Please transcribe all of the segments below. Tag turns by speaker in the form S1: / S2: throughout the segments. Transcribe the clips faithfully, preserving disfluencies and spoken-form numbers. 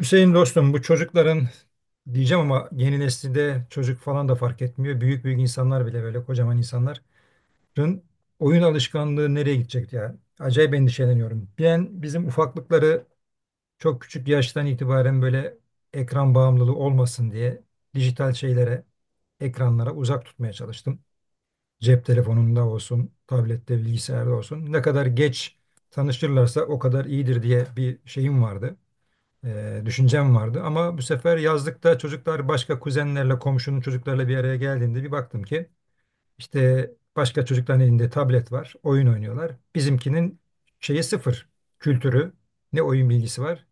S1: Hüseyin dostum bu çocukların diyeceğim ama yeni neslinde çocuk falan da fark etmiyor. Büyük büyük insanlar bile böyle kocaman insanların oyun alışkanlığı nereye gidecek ya? Acayip endişeleniyorum. Ben bizim ufaklıkları çok küçük yaştan itibaren böyle ekran bağımlılığı olmasın diye dijital şeylere, ekranlara uzak tutmaya çalıştım. Cep telefonunda olsun, tablette, bilgisayarda olsun. Ne kadar geç tanıştırırlarsa o kadar iyidir diye bir şeyim vardı e, düşüncem vardı. Ama bu sefer yazlıkta çocuklar başka kuzenlerle, komşunun çocuklarla bir araya geldiğinde bir baktım ki işte başka çocukların elinde tablet var, oyun oynuyorlar. Bizimkinin şeyi sıfır, kültürü, ne oyun bilgisi var.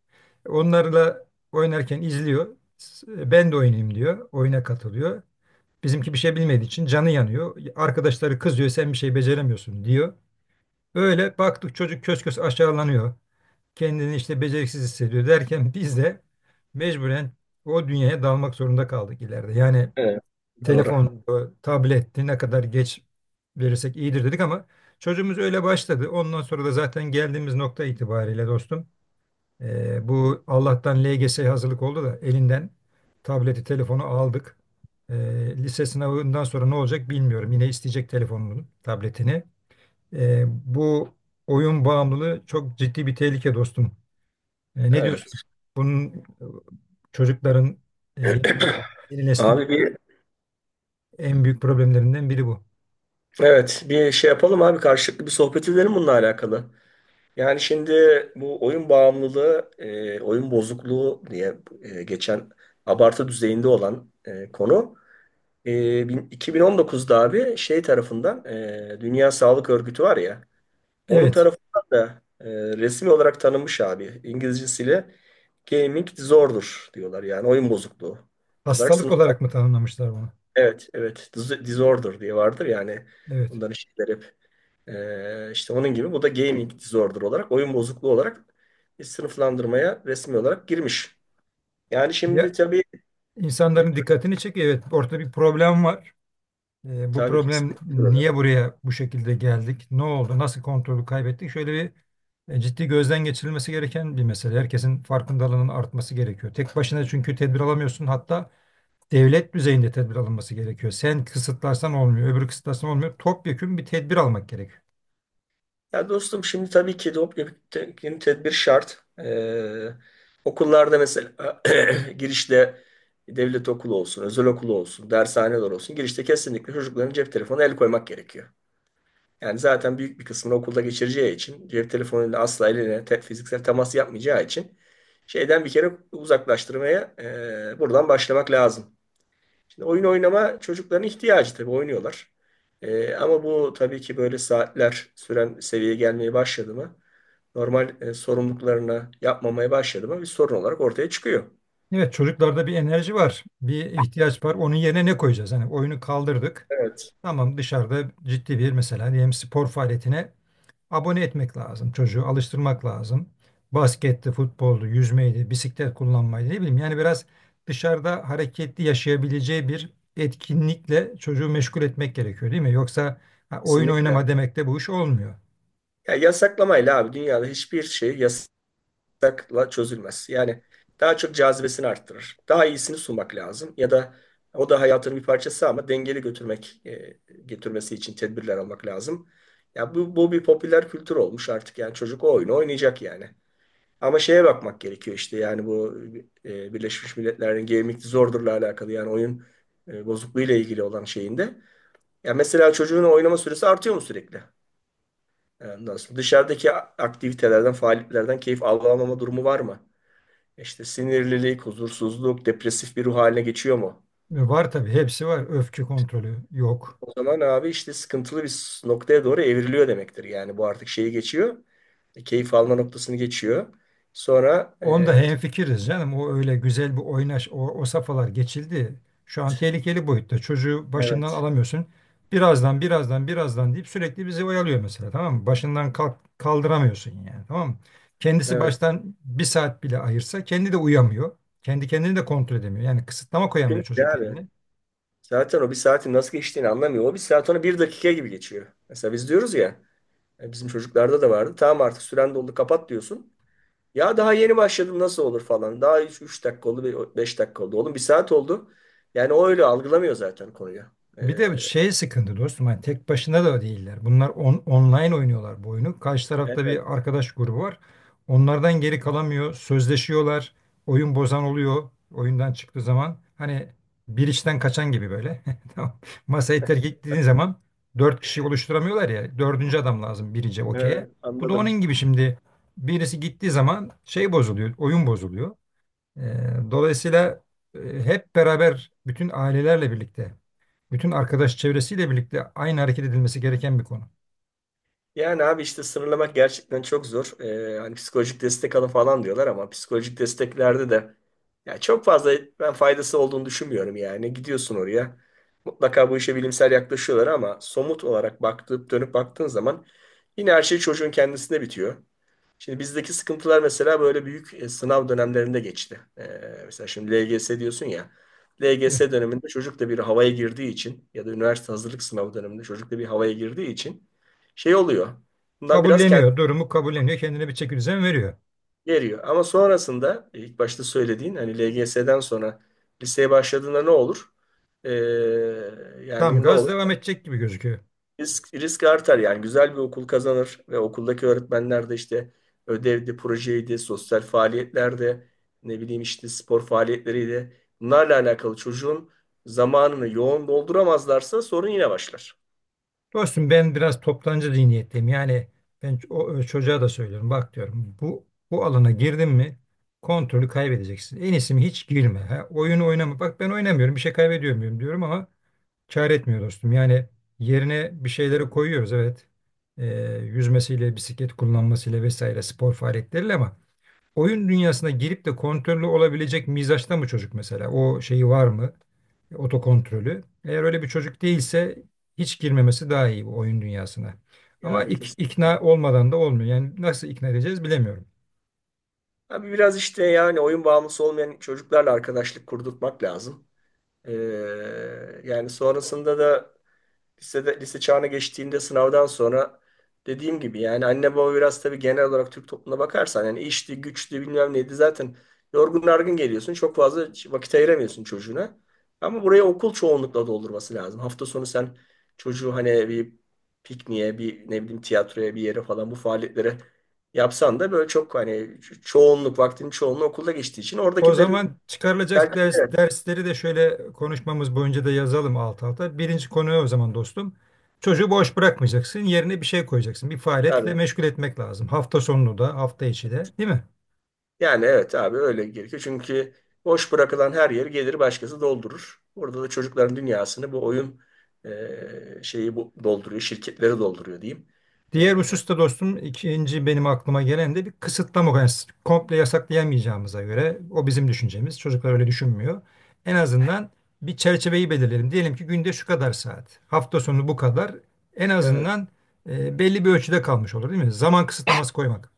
S1: Onlarla oynarken izliyor. S- e, Ben de oynayayım diyor. Oyuna katılıyor. Bizimki bir şey bilmediği için canı yanıyor. Arkadaşları kızıyor sen bir şey beceremiyorsun diyor. Böyle baktık çocuk kös kös aşağılanıyor kendini işte beceriksiz hissediyor derken biz de mecburen o dünyaya dalmak zorunda kaldık ileride. Yani
S2: Evet, doğru.
S1: telefon, tabletti ne kadar geç verirsek iyidir dedik ama çocuğumuz öyle başladı. Ondan sonra da zaten geldiğimiz nokta itibariyle dostum e, bu Allah'tan L G S hazırlık oldu da elinden tableti, telefonu aldık. E, Lise sınavından sonra ne olacak bilmiyorum. Yine isteyecek telefonunu, tabletini. E, bu oyun bağımlılığı çok ciddi bir tehlike dostum. E, ne diyorsun?
S2: Evet.
S1: Bunun e, çocukların e, yeni, yeni neslin
S2: Abi bir
S1: en büyük problemlerinden biri bu.
S2: evet bir şey yapalım abi karşılıklı bir sohbet edelim bununla alakalı. Yani şimdi bu oyun bağımlılığı, e, oyun bozukluğu diye e, geçen abartı düzeyinde olan e, konu e, bin- iki bin on dokuzda abi şey tarafından e, Dünya Sağlık Örgütü var ya onun
S1: Evet.
S2: tarafından da e, resmi olarak tanınmış abi. İngilizcesiyle gaming disorder diyorlar yani oyun bozukluğu olarak.
S1: Hastalık olarak mı tanımlamışlar bunu?
S2: Evet, evet. Dis- Disorder diye vardır yani.
S1: Evet.
S2: Bunların şeyler hep e, işte onun gibi. Bu da gaming disorder olarak, oyun bozukluğu olarak bir sınıflandırmaya resmi olarak girmiş. Yani şimdi
S1: Ya
S2: tabii e,
S1: insanların dikkatini çekiyor. Evet, ortada bir problem var. E, bu
S2: tabii
S1: problem
S2: kesinlikle
S1: niye
S2: problem.
S1: buraya bu şekilde geldik? Ne oldu? Nasıl kontrolü kaybettik? Şöyle bir e, ciddi gözden geçirilmesi gereken bir mesele. Herkesin farkındalığının artması gerekiyor. Tek başına çünkü tedbir alamıyorsun. Hatta devlet düzeyinde tedbir alınması gerekiyor. Sen kısıtlarsan olmuyor, öbürü kısıtlarsan olmuyor. Topyekün bir tedbir almak gerekiyor.
S2: Ya dostum şimdi tabii ki doping tedbir şart. E, okullarda mesela girişte devlet okulu olsun, özel okulu olsun, dershaneler olsun. Girişte kesinlikle çocukların cep telefonu el koymak gerekiyor. Yani zaten büyük bir kısmını okulda geçireceği için cep telefonuyla asla eline te- fiziksel temas yapmayacağı için şeyden bir kere uzaklaştırmaya e, buradan başlamak lazım. Şimdi oyun oynama çocukların ihtiyacı tabii oynuyorlar. E, ama bu tabii ki böyle saatler süren seviyeye gelmeye başladı mı normal e, sorumluluklarını yapmamaya başladı mı bir sorun olarak ortaya çıkıyor.
S1: Evet, çocuklarda bir enerji var, bir ihtiyaç var. Onun yerine ne koyacağız? Hani oyunu kaldırdık.
S2: Evet.
S1: Tamam dışarıda ciddi bir mesela diyelim spor faaliyetine abone etmek lazım. Çocuğu alıştırmak lazım. Basketti, futboldu, yüzmeydi, bisiklet kullanmaydı ne bileyim. Yani biraz dışarıda hareketli yaşayabileceği bir etkinlikle çocuğu meşgul etmek gerekiyor değil mi? Yoksa ha, oyun oynama
S2: Kesinlikle.
S1: demek de bu iş olmuyor.
S2: Ya yasaklamayla abi dünyada hiçbir şey takla çözülmez. Yani daha çok cazibesini arttırır. Daha iyisini sunmak lazım ya da o da hayatının bir parçası ama dengeli götürmek e, getirmesi için tedbirler almak lazım. Ya bu, bu bir popüler kültür olmuş artık yani çocuk o oyunu oynayacak yani. Ama şeye bakmak gerekiyor işte yani bu e, Birleşmiş Milletler'in Gaming Disorder'la alakalı yani oyun e, bozukluğuyla ilgili olan şeyinde. Ya mesela çocuğun oynama süresi artıyor mu sürekli? Ondan sonra dışarıdaki aktivitelerden, faaliyetlerden keyif alamama durumu var mı? İşte sinirlilik, huzursuzluk, depresif bir ruh haline geçiyor mu?
S1: E, Var tabii hepsi var. Öfke kontrolü yok.
S2: O zaman abi işte sıkıntılı bir noktaya doğru evriliyor demektir. Yani bu artık şeyi geçiyor. e, Keyif alma noktasını geçiyor. Sonra.
S1: Onda
S2: E,
S1: hemfikiriz canım. O öyle güzel bir oynaş, o, o safhalar geçildi. Şu an tehlikeli boyutta. Çocuğu başından
S2: evet,
S1: alamıyorsun. Birazdan, birazdan, birazdan deyip sürekli bizi oyalıyor mesela. Tamam mı? Başından kalk, kaldıramıyorsun yani. Tamam mı? Kendisi
S2: evet.
S1: baştan bir saat bile ayırsa kendi de uyamıyor. Kendi kendini de kontrol edemiyor. Yani kısıtlama koyamıyor
S2: Çünkü
S1: çocuk
S2: abi
S1: kendini.
S2: zaten o bir saatin nasıl geçtiğini anlamıyor. O bir saat ona bir dakika gibi geçiyor. Mesela biz diyoruz ya e, bizim çocuklarda da vardı. Tamam artık süren doldu kapat diyorsun. Ya daha yeni başladım nasıl olur falan. Daha üç dakika oldu, beş dakika oldu. Oğlum bir saat oldu. Yani o öyle algılamıyor zaten konuyu.
S1: Bir de
S2: Ee,
S1: şey sıkıntı dostum hani tek başına da değiller. Bunlar on- online oynuyorlar bu oyunu. Karşı tarafta
S2: evet,
S1: bir arkadaş grubu var. Onlardan geri kalamıyor. Sözleşiyorlar. Oyun bozan oluyor. Oyundan çıktığı zaman hani bir işten kaçan gibi böyle. Tamam. Masayı terk ettiğin zaman dört kişi oluşturamıyorlar ya. Dördüncü adam lazım birinci okey'e.
S2: evet,
S1: Bu da onun
S2: anladım.
S1: gibi şimdi birisi gittiği zaman şey bozuluyor. Oyun bozuluyor. Ee, dolayısıyla e, hep beraber bütün ailelerle birlikte, bütün arkadaş çevresiyle birlikte aynı hareket edilmesi gereken bir konu.
S2: Yani abi işte sınırlamak gerçekten çok zor. Ee, hani psikolojik destek alın falan diyorlar ama psikolojik desteklerde de ya çok fazla ben faydası olduğunu düşünmüyorum yani. Gidiyorsun oraya. Mutlaka bu işe bilimsel yaklaşıyorlar ama somut olarak baktıp dönüp baktığın zaman yine her şey çocuğun kendisinde bitiyor. Şimdi bizdeki sıkıntılar mesela böyle büyük e, sınav dönemlerinde geçti. Ee, mesela şimdi L G S diyorsun ya.
S1: Eh,
S2: L G S döneminde çocuk da bir havaya girdiği için ya da üniversite hazırlık sınavı döneminde çocuk da bir havaya girdiği için şey oluyor. Bundan biraz
S1: Kabulleniyor,
S2: kendini
S1: durumu kabulleniyor, kendine bir çekirdeğin veriyor.
S2: geriyor. Ama sonrasında e, ilk başta söylediğin hani L G S'den sonra liseye başladığında ne olur? Ee,
S1: Tam
S2: yani ne
S1: gaz
S2: olur?
S1: devam edecek gibi gözüküyor.
S2: Risk, risk artar yani güzel bir okul kazanır ve okuldaki öğretmenler de işte ödevdi, projeydi, sosyal faaliyetlerde ne bileyim işte spor faaliyetleriydi. Bunlarla alakalı çocuğun zamanını yoğun dolduramazlarsa sorun yine başlar.
S1: Dostum ben biraz toptancı zihniyetteyim. Yani ben ç- o, o çocuğa da söylüyorum. Bak diyorum bu bu alana girdin mi kontrolü kaybedeceksin. En iyisi mi hiç girme. Ha? Oyun oynama. Bak ben oynamıyorum bir şey kaybediyor muyum diyorum ama kâr etmiyor dostum. Yani yerine bir şeyleri
S2: Diyorum.
S1: koyuyoruz evet. Ee, Yüzmesiyle, bisiklet kullanmasıyla vesaire spor faaliyetleriyle ama oyun dünyasına girip de kontrollü olabilecek mizaçta mı çocuk mesela? O şeyi var mı? Otokontrolü. Eğer öyle bir çocuk değilse hiç girmemesi daha iyi bu oyun dünyasına. Ama
S2: Yani
S1: ik-
S2: kesinlikle.
S1: ikna olmadan da olmuyor. Yani nasıl ikna edeceğiz bilemiyorum.
S2: Abi biraz işte yani oyun bağımlısı olmayan çocuklarla arkadaşlık kurdurtmak lazım. Ee, yani sonrasında da lisede, lise çağına geçtiğinde sınavdan sonra dediğim gibi yani anne baba biraz tabii genel olarak Türk toplumuna bakarsan yani işti, güçtü bilmem neydi zaten yorgun argın geliyorsun. Çok fazla vakit ayıramıyorsun çocuğuna. Ama buraya okul çoğunlukla doldurması lazım. Hafta sonu sen çocuğu hani bir pikniğe, bir ne bileyim tiyatroya bir yere falan bu faaliyetlere yapsan da böyle çok hani ço- çoğunluk vaktinin çoğunluğu okulda geçtiği için
S1: O
S2: oradakilerin
S1: zaman çıkarılacak ders,
S2: tercihleri.
S1: dersleri de şöyle konuşmamız boyunca da yazalım alt alta. Birinci konu o zaman dostum. Çocuğu boş bırakmayacaksın. Yerine bir şey koyacaksın. Bir faaliyetle
S2: Evet.
S1: meşgul etmek lazım. Hafta sonunu da, hafta içi de, değil mi?
S2: Yani evet abi öyle gerekiyor. Çünkü boş bırakılan her yeri gelir başkası doldurur. Burada da çocukların dünyasını bu oyun e, şeyi bu, dolduruyor, şirketleri dolduruyor diyeyim. E,
S1: Diğer hususta dostum ikinci benim aklıma gelen de bir kısıtlama. Yani komple yasaklayamayacağımıza göre o bizim düşüncemiz. Çocuklar öyle düşünmüyor. En azından bir çerçeveyi belirleyelim. Diyelim ki günde şu kadar saat, hafta sonu bu kadar. En
S2: evet.
S1: azından e, belli bir ölçüde kalmış olur değil mi? Zaman kısıtlaması koymak.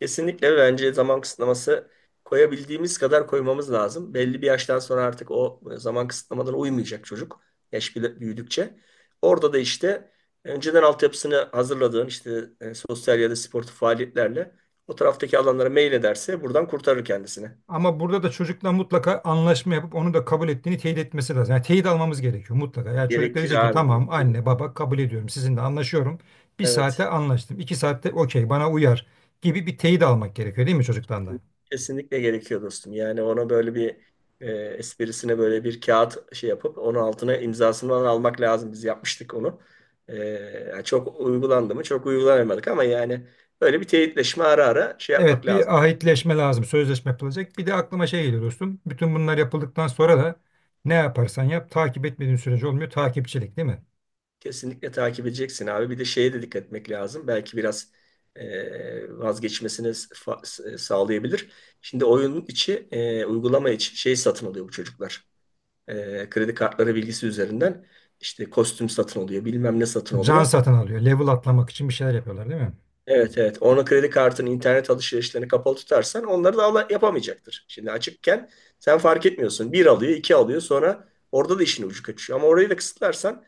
S2: Kesinlikle bence zaman kısıtlaması koyabildiğimiz kadar koymamız lazım. Belli bir yaştan sonra artık o zaman kısıtlamadan uymayacak çocuk. Yaş bile- büyüdükçe. Orada da işte önceden altyapısını hazırladığın işte e, sosyal ya da sportif faaliyetlerle o taraftaki alanlara mail ederse buradan kurtarır kendisini.
S1: Ama burada da çocukla mutlaka anlaşma yapıp onu da kabul ettiğini teyit etmesi lazım. Yani teyit almamız gerekiyor mutlaka. Yani çocuk da diyecek
S2: Gerekiyor
S1: ki
S2: abi,
S1: tamam
S2: gerekiyor.
S1: anne baba kabul ediyorum sizinle anlaşıyorum. Bir
S2: Evet,
S1: saate anlaştım. İki saatte okey bana uyar gibi bir teyit almak gerekiyor değil mi çocuktan da?
S2: kesinlikle gerekiyor dostum. Yani ona böyle bir e, esprisine böyle bir kağıt şey yapıp onun altına imzasını falan almak lazım. Biz yapmıştık onu. E, Yani çok uygulandı mı? Çok uygulanamadık ama yani böyle bir teyitleşme ara ara şey
S1: Evet
S2: yapmak lazım.
S1: bir ahitleşme lazım. Sözleşme yapılacak. Bir de aklıma şey geliyor dostum. Bütün bunlar yapıldıktan sonra da ne yaparsan yap takip etmediğin sürece olmuyor. Takipçilik değil mi?
S2: Kesinlikle takip edeceksin abi. Bir de şeye de dikkat etmek lazım. Belki biraz e, vazgeçmesini fa- sağlayabilir. Şimdi oyunun içi, e, uygulama içi şey satın alıyor bu çocuklar. E, kredi kartları bilgisi üzerinden işte kostüm satın oluyor, bilmem ne satın
S1: Can
S2: oluyor.
S1: satın alıyor. Level atlamak için bir şeyler yapıyorlar değil mi?
S2: Evet, evet. Onun kredi kartının internet alışverişlerini kapalı tutarsan onları da ala- yapamayacaktır. Şimdi açıkken sen fark etmiyorsun. Bir alıyor, iki alıyor sonra orada da işin ucu kaçıyor. Ama orayı da kısıtlarsan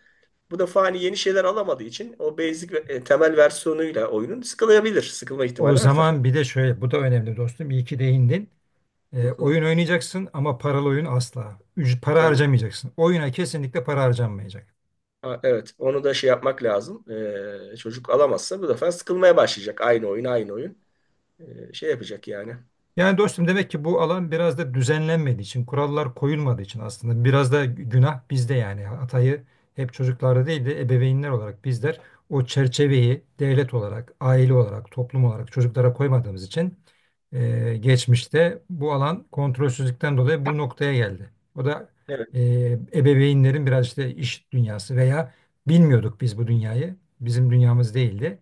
S2: bu defa hani yeni şeyler alamadığı için o basic ve- e, temel versiyonuyla oyunun sıkılabilir. Sıkılma
S1: O
S2: ihtimali artar.
S1: zaman bir de şöyle bu da önemli dostum. İyi ki değindin.
S2: Hı
S1: E,
S2: hı,
S1: oyun oynayacaksın ama paralı oyun asla. Üc- para
S2: tabii.
S1: harcamayacaksın. Oyuna kesinlikle para harcanmayacak.
S2: Ha, evet. Onu da şey yapmak lazım. Ee, çocuk alamazsa bu defa sıkılmaya başlayacak. Aynı oyun, aynı oyun. e, şey yapacak yani.
S1: Yani dostum demek ki bu alan biraz da düzenlenmediği için, kurallar koyulmadığı için aslında biraz da günah bizde yani. Hatayı hep çocuklarda değil de ebeveynler olarak bizler o çerçeveyi devlet olarak, aile olarak, toplum olarak çocuklara koymadığımız için e, geçmişte bu alan kontrolsüzlükten dolayı bu noktaya geldi. O da e,
S2: Evet,
S1: ebeveynlerin biraz işte iş dünyası veya bilmiyorduk biz bu dünyayı. Bizim dünyamız değildi.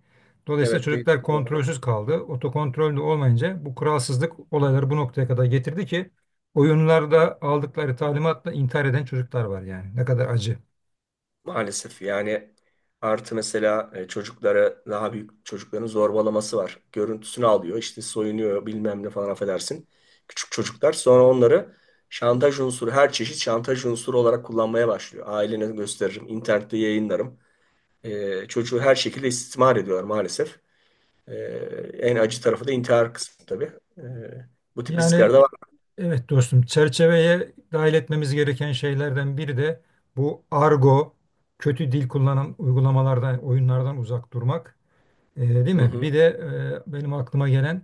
S1: Dolayısıyla
S2: evet değil.
S1: çocuklar
S2: Doğru.
S1: kontrolsüz kaldı. Otokontrol de olmayınca bu kuralsızlık olayları bu noktaya kadar getirdi ki oyunlarda aldıkları talimatla intihar eden çocuklar var yani. Ne kadar acı.
S2: Maalesef yani artı mesela e, çocuklara daha büyük çocukların zorbalaması var. Görüntüsünü alıyor işte soyunuyor bilmem ne falan affedersin. Küçük çocuklar sonra onları şantaj unsuru her çeşit şantaj unsuru olarak kullanmaya başlıyor. Ailene gösteririm, internette yayınlarım. E, çocuğu her şekilde istismar ediyorlar maalesef. E, en acı tarafı da intihar kısmı tabii. E, bu tip riskler
S1: Yani
S2: de var.
S1: evet dostum çerçeveye dahil etmemiz gereken şeylerden biri de bu argo, kötü dil kullanan uygulamalardan, oyunlardan uzak durmak. Ee, değil
S2: Hı
S1: mi? Bir
S2: hı.
S1: de e, benim aklıma gelen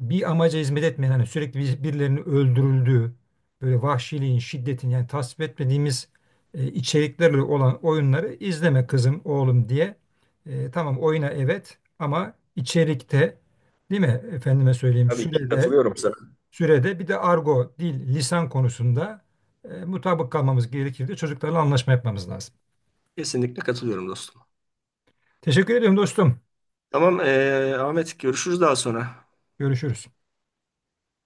S1: bir amaca hizmet etmeyen hani sürekli bir- birilerinin öldürüldüğü böyle vahşiliğin, şiddetin yani tasvip etmediğimiz e, içeriklerle olan oyunları izleme kızım, oğlum diye. E, tamam oyuna evet ama içerikte değil mi? Efendime söyleyeyim
S2: Tabii ki
S1: sürede
S2: katılıyorum sana.
S1: sürede bir de argo, dil, lisan konusunda e, mutabık kalmamız gerekir de çocuklarla anlaşma yapmamız lazım.
S2: Kesinlikle katılıyorum dostum.
S1: Teşekkür ediyorum dostum.
S2: Tamam e, Ahmet görüşürüz daha sonra.
S1: Görüşürüz.